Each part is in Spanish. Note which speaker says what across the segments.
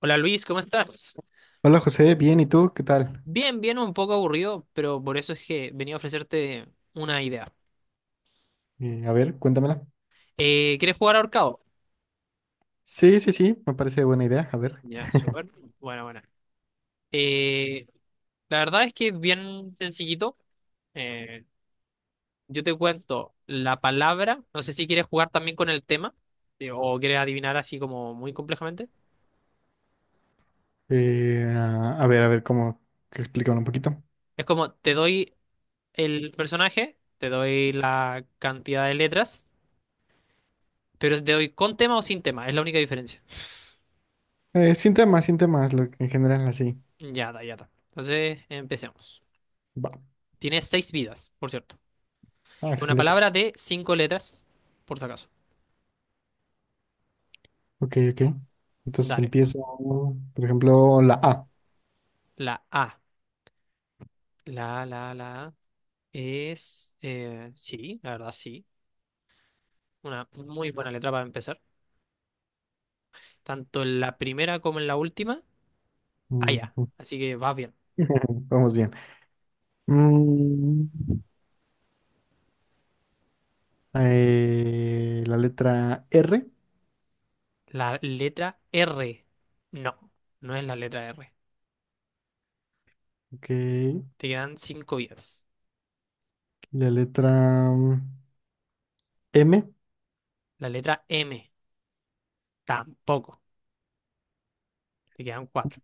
Speaker 1: Hola Luis, ¿cómo estás?
Speaker 2: Hola José, bien, ¿y tú? ¿Qué tal?
Speaker 1: Bien, bien, un poco aburrido, pero por eso es que venía a ofrecerte una idea.
Speaker 2: A ver, cuéntamela.
Speaker 1: ¿Quieres jugar ahorcado?
Speaker 2: Sí, sí, sí, me parece buena idea. A ver,
Speaker 1: Ya, súper. Bueno, bueno. Eh, la verdad es que es bien sencillito. Eh, yo te cuento la palabra. No sé si quieres jugar también con el tema o quieres adivinar así como muy complejamente.
Speaker 2: a ver, a ver cómo que explican un poquito.
Speaker 1: Es como te doy el personaje, te doy la cantidad de letras, pero te doy con tema o sin tema. Es la única diferencia.
Speaker 2: Sin temas, sin temas, en general así.
Speaker 1: Ya está, ya está. Entonces, empecemos.
Speaker 2: Va.
Speaker 1: Tiene 6 vidas, por cierto.
Speaker 2: Ah,
Speaker 1: Es una
Speaker 2: excelente.
Speaker 1: palabra de 5 letras, por si acaso.
Speaker 2: Ok, ok. Entonces
Speaker 1: Dale.
Speaker 2: empiezo, por ejemplo, la A.
Speaker 1: La A. La A es... sí, la verdad sí. Una muy buena letra para empezar. Tanto en la primera como en la última. Ah, ya.
Speaker 2: Mm.
Speaker 1: Así que vas bien.
Speaker 2: Vamos bien. Mm, la letra R.
Speaker 1: La letra R. No, no es la letra R.
Speaker 2: Ok.
Speaker 1: Te quedan 5 vidas.
Speaker 2: La letra M.
Speaker 1: La letra M. Tampoco. Te quedan 4.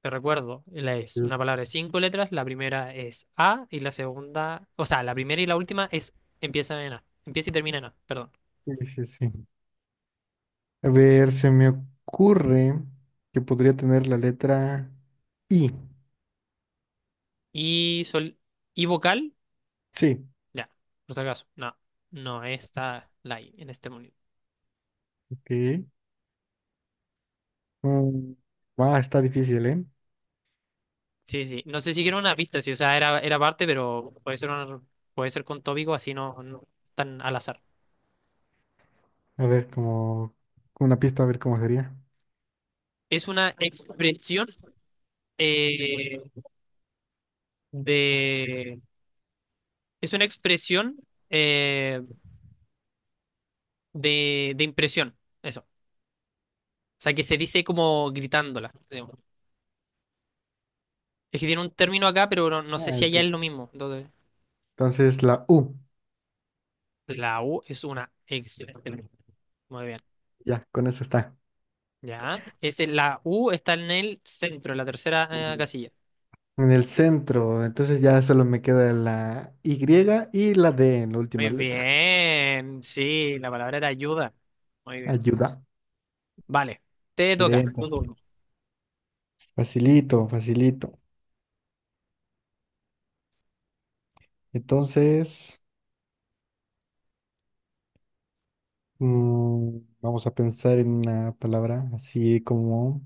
Speaker 1: Te recuerdo, es
Speaker 2: Sí,
Speaker 1: una palabra de cinco letras, la primera es A y la segunda, o sea, la primera y la última es empieza en A, empieza y termina en A, perdón.
Speaker 2: sí, sí. A ver, se me ocurre que podría tener la letra I.
Speaker 1: Y sol y vocal,
Speaker 2: Sí,
Speaker 1: ya, por si acaso, no, no está la I en este momento.
Speaker 2: ok. Mm, ah, está difícil, ¿eh?
Speaker 1: Sí, sí, no sé si era una pista, sí, o sea, era, era parte, pero puede ser puede ser con tópico, así no, no tan al azar.
Speaker 2: A ver, como una pista, a ver cómo sería.
Speaker 1: Es una expresión eh, de, es una expresión eh, de impresión. Eso. O sea, que se dice como gritándola, digamos. Es que tiene un término acá, pero no, no sé
Speaker 2: Ah,
Speaker 1: si allá es
Speaker 2: ok.
Speaker 1: lo mismo. Entonces,
Speaker 2: Entonces la U,
Speaker 1: la U es una excelente. Muy bien.
Speaker 2: ya, con eso está.
Speaker 1: Ya. Es la U está en el centro, en la 3.ª
Speaker 2: Ok.
Speaker 1: casilla.
Speaker 2: En el centro, entonces ya solo me queda la Y y la D en las
Speaker 1: Muy
Speaker 2: últimas letras.
Speaker 1: bien. Sí, la palabra era ayuda. Muy bien.
Speaker 2: Ayuda.
Speaker 1: Vale. Te toca. Tu
Speaker 2: Excelente.
Speaker 1: turno.
Speaker 2: Facilito, facilito. Entonces. Vamos a pensar en una palabra así como.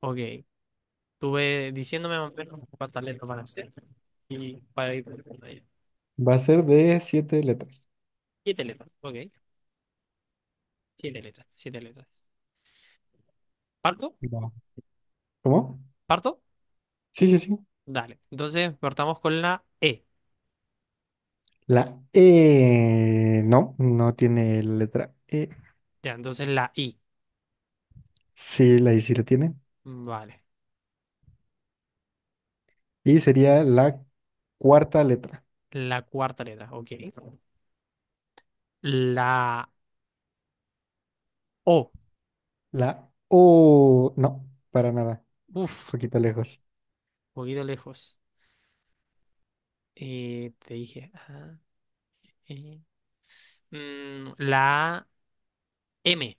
Speaker 1: Ok. Estuve diciéndome más o menos cuántas letras van a ser. Y para ir.
Speaker 2: Va a ser de siete letras.
Speaker 1: 7 letras. Ok. 7 letras. 7 letras. ¿Parto?
Speaker 2: Va. ¿Cómo?
Speaker 1: ¿Parto?
Speaker 2: Sí, sí, sí.
Speaker 1: Dale. Entonces partamos con la E.
Speaker 2: La E. No, no tiene letra E.
Speaker 1: Ya, entonces la I.
Speaker 2: Sí, la I sí la tiene.
Speaker 1: Vale.
Speaker 2: Y sería la cuarta letra.
Speaker 1: La cuarta letra. Ok. La O.
Speaker 2: La O. No, para nada.
Speaker 1: Uf.
Speaker 2: Poquito
Speaker 1: Un
Speaker 2: lejos.
Speaker 1: poquito lejos. Te dije. Ah, eh. Mm, la M.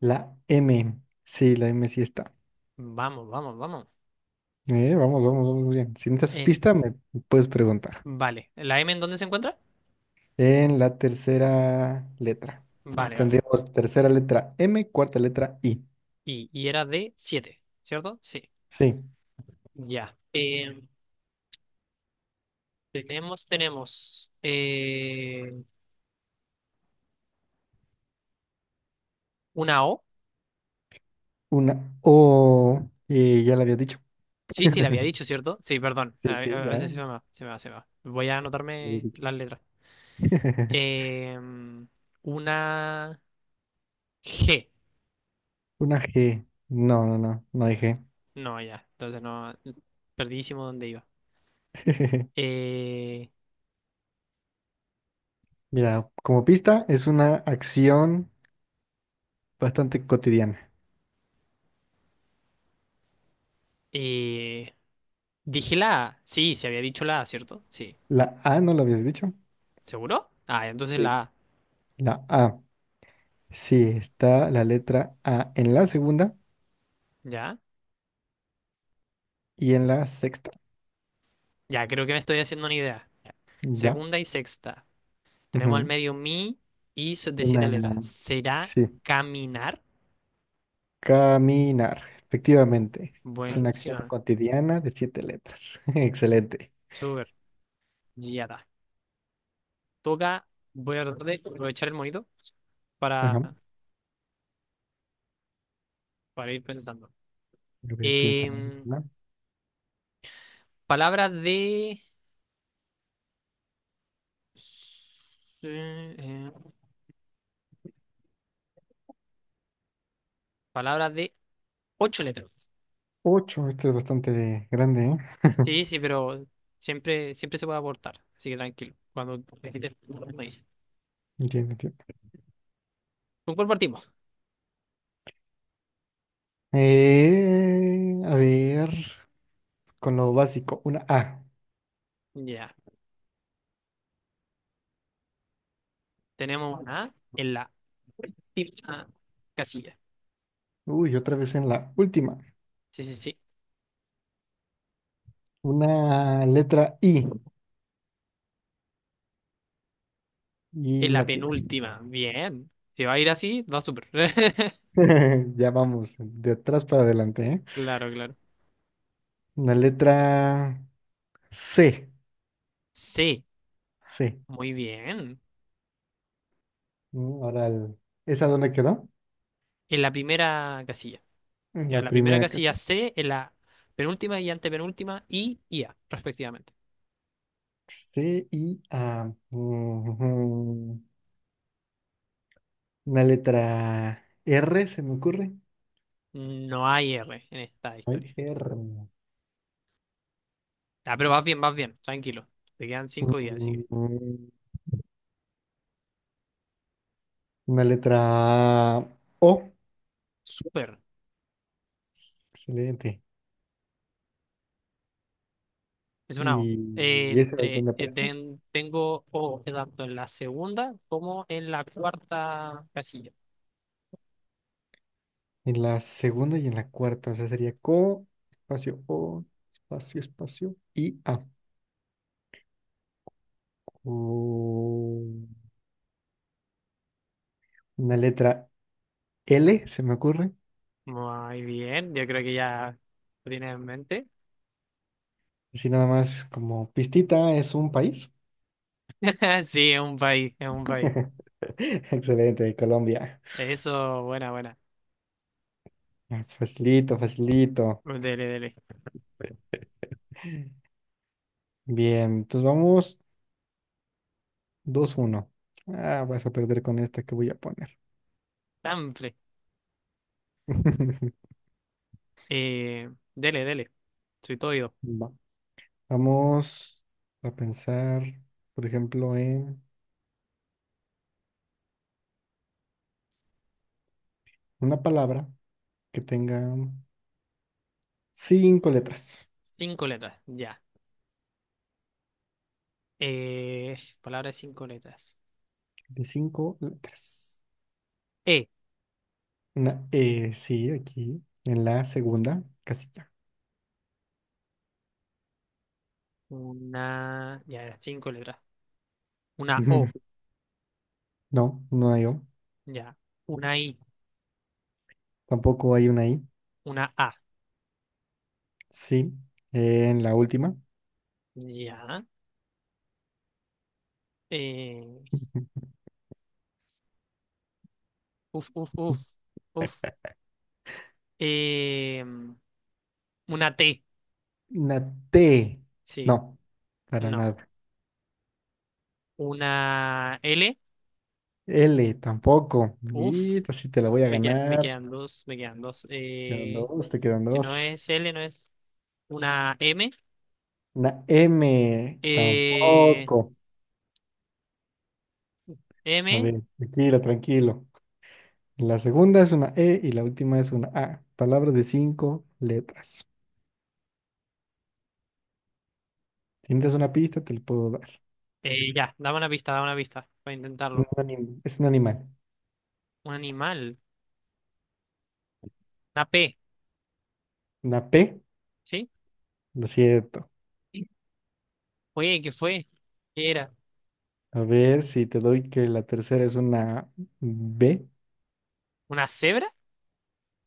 Speaker 2: La M. Sí, la M sí está.
Speaker 1: Vamos, vamos, vamos.
Speaker 2: Vamos, vamos, vamos bien. Si necesitas
Speaker 1: En...
Speaker 2: pista, me puedes preguntar.
Speaker 1: Vale. ¿La M en dónde se encuentra?
Speaker 2: En la tercera letra.
Speaker 1: Vale, vale.
Speaker 2: Tendríamos tercera letra M, cuarta letra I.
Speaker 1: Y era de 7, ¿cierto? Sí.
Speaker 2: Sí,
Speaker 1: Ya. Tenemos una O.
Speaker 2: una O. Ya la había dicho.
Speaker 1: Sí, sí, le había dicho, ¿cierto? Sí, perdón.
Speaker 2: Sí, sí,
Speaker 1: A
Speaker 2: ya
Speaker 1: veces
Speaker 2: la
Speaker 1: se me va, se me va, se me va. Voy a
Speaker 2: había
Speaker 1: anotarme
Speaker 2: dicho.
Speaker 1: las letras. Em, una G.
Speaker 2: Una G. No, no, no, no hay G.
Speaker 1: No, ya. Entonces no. Perdidísimo dónde iba. Eh,
Speaker 2: Mira, como pista es una acción bastante cotidiana.
Speaker 1: eh, dije la A. Sí, se había dicho la A, ¿cierto? Sí.
Speaker 2: La A, ¿no lo habías dicho?
Speaker 1: ¿Seguro? Ah, entonces
Speaker 2: Sí.
Speaker 1: la A.
Speaker 2: La A. Sí, está la letra A en la segunda
Speaker 1: ¿Ya?
Speaker 2: y en la sexta.
Speaker 1: Ya, creo que me estoy haciendo una idea. Ya.
Speaker 2: Ya.
Speaker 1: Segunda y sexta. Tenemos al
Speaker 2: Ujú.
Speaker 1: medio mi y de 7
Speaker 2: Una.
Speaker 1: letras. ¿Será
Speaker 2: Sí.
Speaker 1: caminar?
Speaker 2: Caminar, efectivamente. Es una acción
Speaker 1: Buenísima.
Speaker 2: cotidiana de siete letras. Excelente.
Speaker 1: Súper. Ya está. Toca, voy a tratar de aprovechar el monito para,
Speaker 2: Ajá. A
Speaker 1: para ir pensando.
Speaker 2: ver, piensa en
Speaker 1: Em,
Speaker 2: una.
Speaker 1: palabras de... eh, eh, palabras de 8 letras.
Speaker 2: Ocho, este es bastante grande, ¿eh?
Speaker 1: Sí, sí, pero siempre, siempre se puede aportar, así que tranquilo. Cuando necesites, me dices.
Speaker 2: Entiendo, entiendo.
Speaker 1: ¿Con cuál partimos?
Speaker 2: A ver, con lo básico, una A.
Speaker 1: Ya, tenemos una A en la última casilla.
Speaker 2: Uy, otra vez en la última.
Speaker 1: Sí, sí, sí.
Speaker 2: Una letra I i
Speaker 1: En la
Speaker 2: latina.
Speaker 1: penúltima. Bien. Si va a ir así, va súper.
Speaker 2: Ya vamos, de atrás para adelante, ¿eh?
Speaker 1: Claro, claro.
Speaker 2: Una letra C.
Speaker 1: Sí,
Speaker 2: C.
Speaker 1: muy bien,
Speaker 2: Ahora, ¿esa dónde quedó?
Speaker 1: en la primera casilla. Ya,
Speaker 2: La
Speaker 1: la primera
Speaker 2: primera
Speaker 1: casilla
Speaker 2: casi.
Speaker 1: C, en la penúltima y antepenúltima, I y A, respectivamente.
Speaker 2: C y A. Ujú. Una letra R se me ocurre.
Speaker 1: No hay R en esta
Speaker 2: Ay,
Speaker 1: historia.
Speaker 2: R.
Speaker 1: Ah, pero vas bien, tranquilo. Te quedan cinco días, así que.
Speaker 2: Ujú. Una letra O.
Speaker 1: Súper.
Speaker 2: Excelente.
Speaker 1: Es una O.
Speaker 2: ¿Y esa
Speaker 1: Entre,
Speaker 2: dónde aparece?
Speaker 1: tengo O tanto en la 2.ª como en la 4.ª casilla.
Speaker 2: En la segunda y en la cuarta. O sea, sería co, espacio O, espacio, espacio y A. O- Una letra L se me ocurre.
Speaker 1: Muy bien, yo creo que ya lo tienes en mente.
Speaker 2: Así nada más como pistita es un país.
Speaker 1: Sí, es un país, es un país.
Speaker 2: Excelente, de Colombia.
Speaker 1: Eso, buena, buena.
Speaker 2: Ah, facilito, facilito.
Speaker 1: Dele, dele.
Speaker 2: Bien, entonces vamos 2-1. Ah, vas a perder con esta que voy a poner.
Speaker 1: Tanfle. Dele, dele. Soy todo oído.
Speaker 2: Va- Vamos a pensar, por ejemplo, en una palabra que tenga cinco letras.
Speaker 1: Cinco letras, ya. Eh, palabra de cinco letras.
Speaker 2: De cinco letras.
Speaker 1: E.
Speaker 2: Una E, sí, aquí, en la segunda casilla.
Speaker 1: Una. Ya, era 5 letras. Una O.
Speaker 2: No, no hay O.
Speaker 1: Ya. Una I.
Speaker 2: Tampoco hay una I.
Speaker 1: Una A.
Speaker 2: Sí, en la última.
Speaker 1: Ya. Eh, uf, uf, uf. Uf. Eh, una T.
Speaker 2: Una T.
Speaker 1: Sí.
Speaker 2: No, para
Speaker 1: No.
Speaker 2: nada.
Speaker 1: Una L.
Speaker 2: L tampoco. Y
Speaker 1: Uf.
Speaker 2: esta sí te la voy a
Speaker 1: Me
Speaker 2: ganar.
Speaker 1: quedan dos. Me quedan dos.
Speaker 2: Quedan dos, te quedan
Speaker 1: Que
Speaker 2: dos.
Speaker 1: no es L, no es. Una M.
Speaker 2: Una M
Speaker 1: Eh,
Speaker 2: tampoco. A
Speaker 1: M.
Speaker 2: ver, tranquilo, tranquilo. La segunda es una E y la última es una A. Palabras de cinco letras. Si necesitas una pista, te la puedo dar.
Speaker 1: Ya, dame una pista para intentarlo.
Speaker 2: Es un animal.
Speaker 1: Un animal, una P,
Speaker 2: Una P,
Speaker 1: ¿sí?
Speaker 2: lo siento.
Speaker 1: Sí. Oye, ¿qué fue? ¿Qué era?
Speaker 2: A ver si te doy que la tercera es una B.
Speaker 1: ¿Una cebra?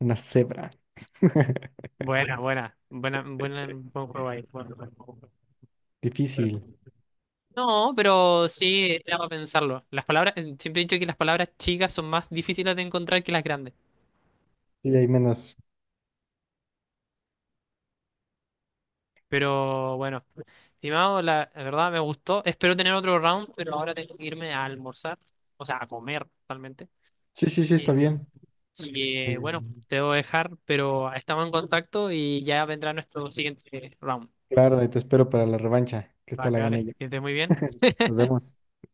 Speaker 2: Una cebra.
Speaker 1: Buena, buena, buena, buena, buen juego ahí, buen juego.
Speaker 2: Difícil.
Speaker 1: No, pero sí, daba a pensarlo. Las palabras, siempre he dicho que las palabras chicas son más difíciles de encontrar que las grandes.
Speaker 2: Y hay menos.
Speaker 1: Pero bueno, estimado, la verdad me gustó. Espero tener otro round, pero ahora tengo que irme a almorzar, o sea, a comer totalmente.
Speaker 2: Sí, sí, sí, está bien.
Speaker 1: Así
Speaker 2: Eh,
Speaker 1: que bueno, te debo dejar, pero estamos en contacto y ya vendrá nuestro siguiente round.
Speaker 2: claro, ahí te espero para la revancha, que esta
Speaker 1: Vale,
Speaker 2: la gané
Speaker 1: vale,
Speaker 2: yo.
Speaker 1: que estés muy bien.
Speaker 2: Nos vemos.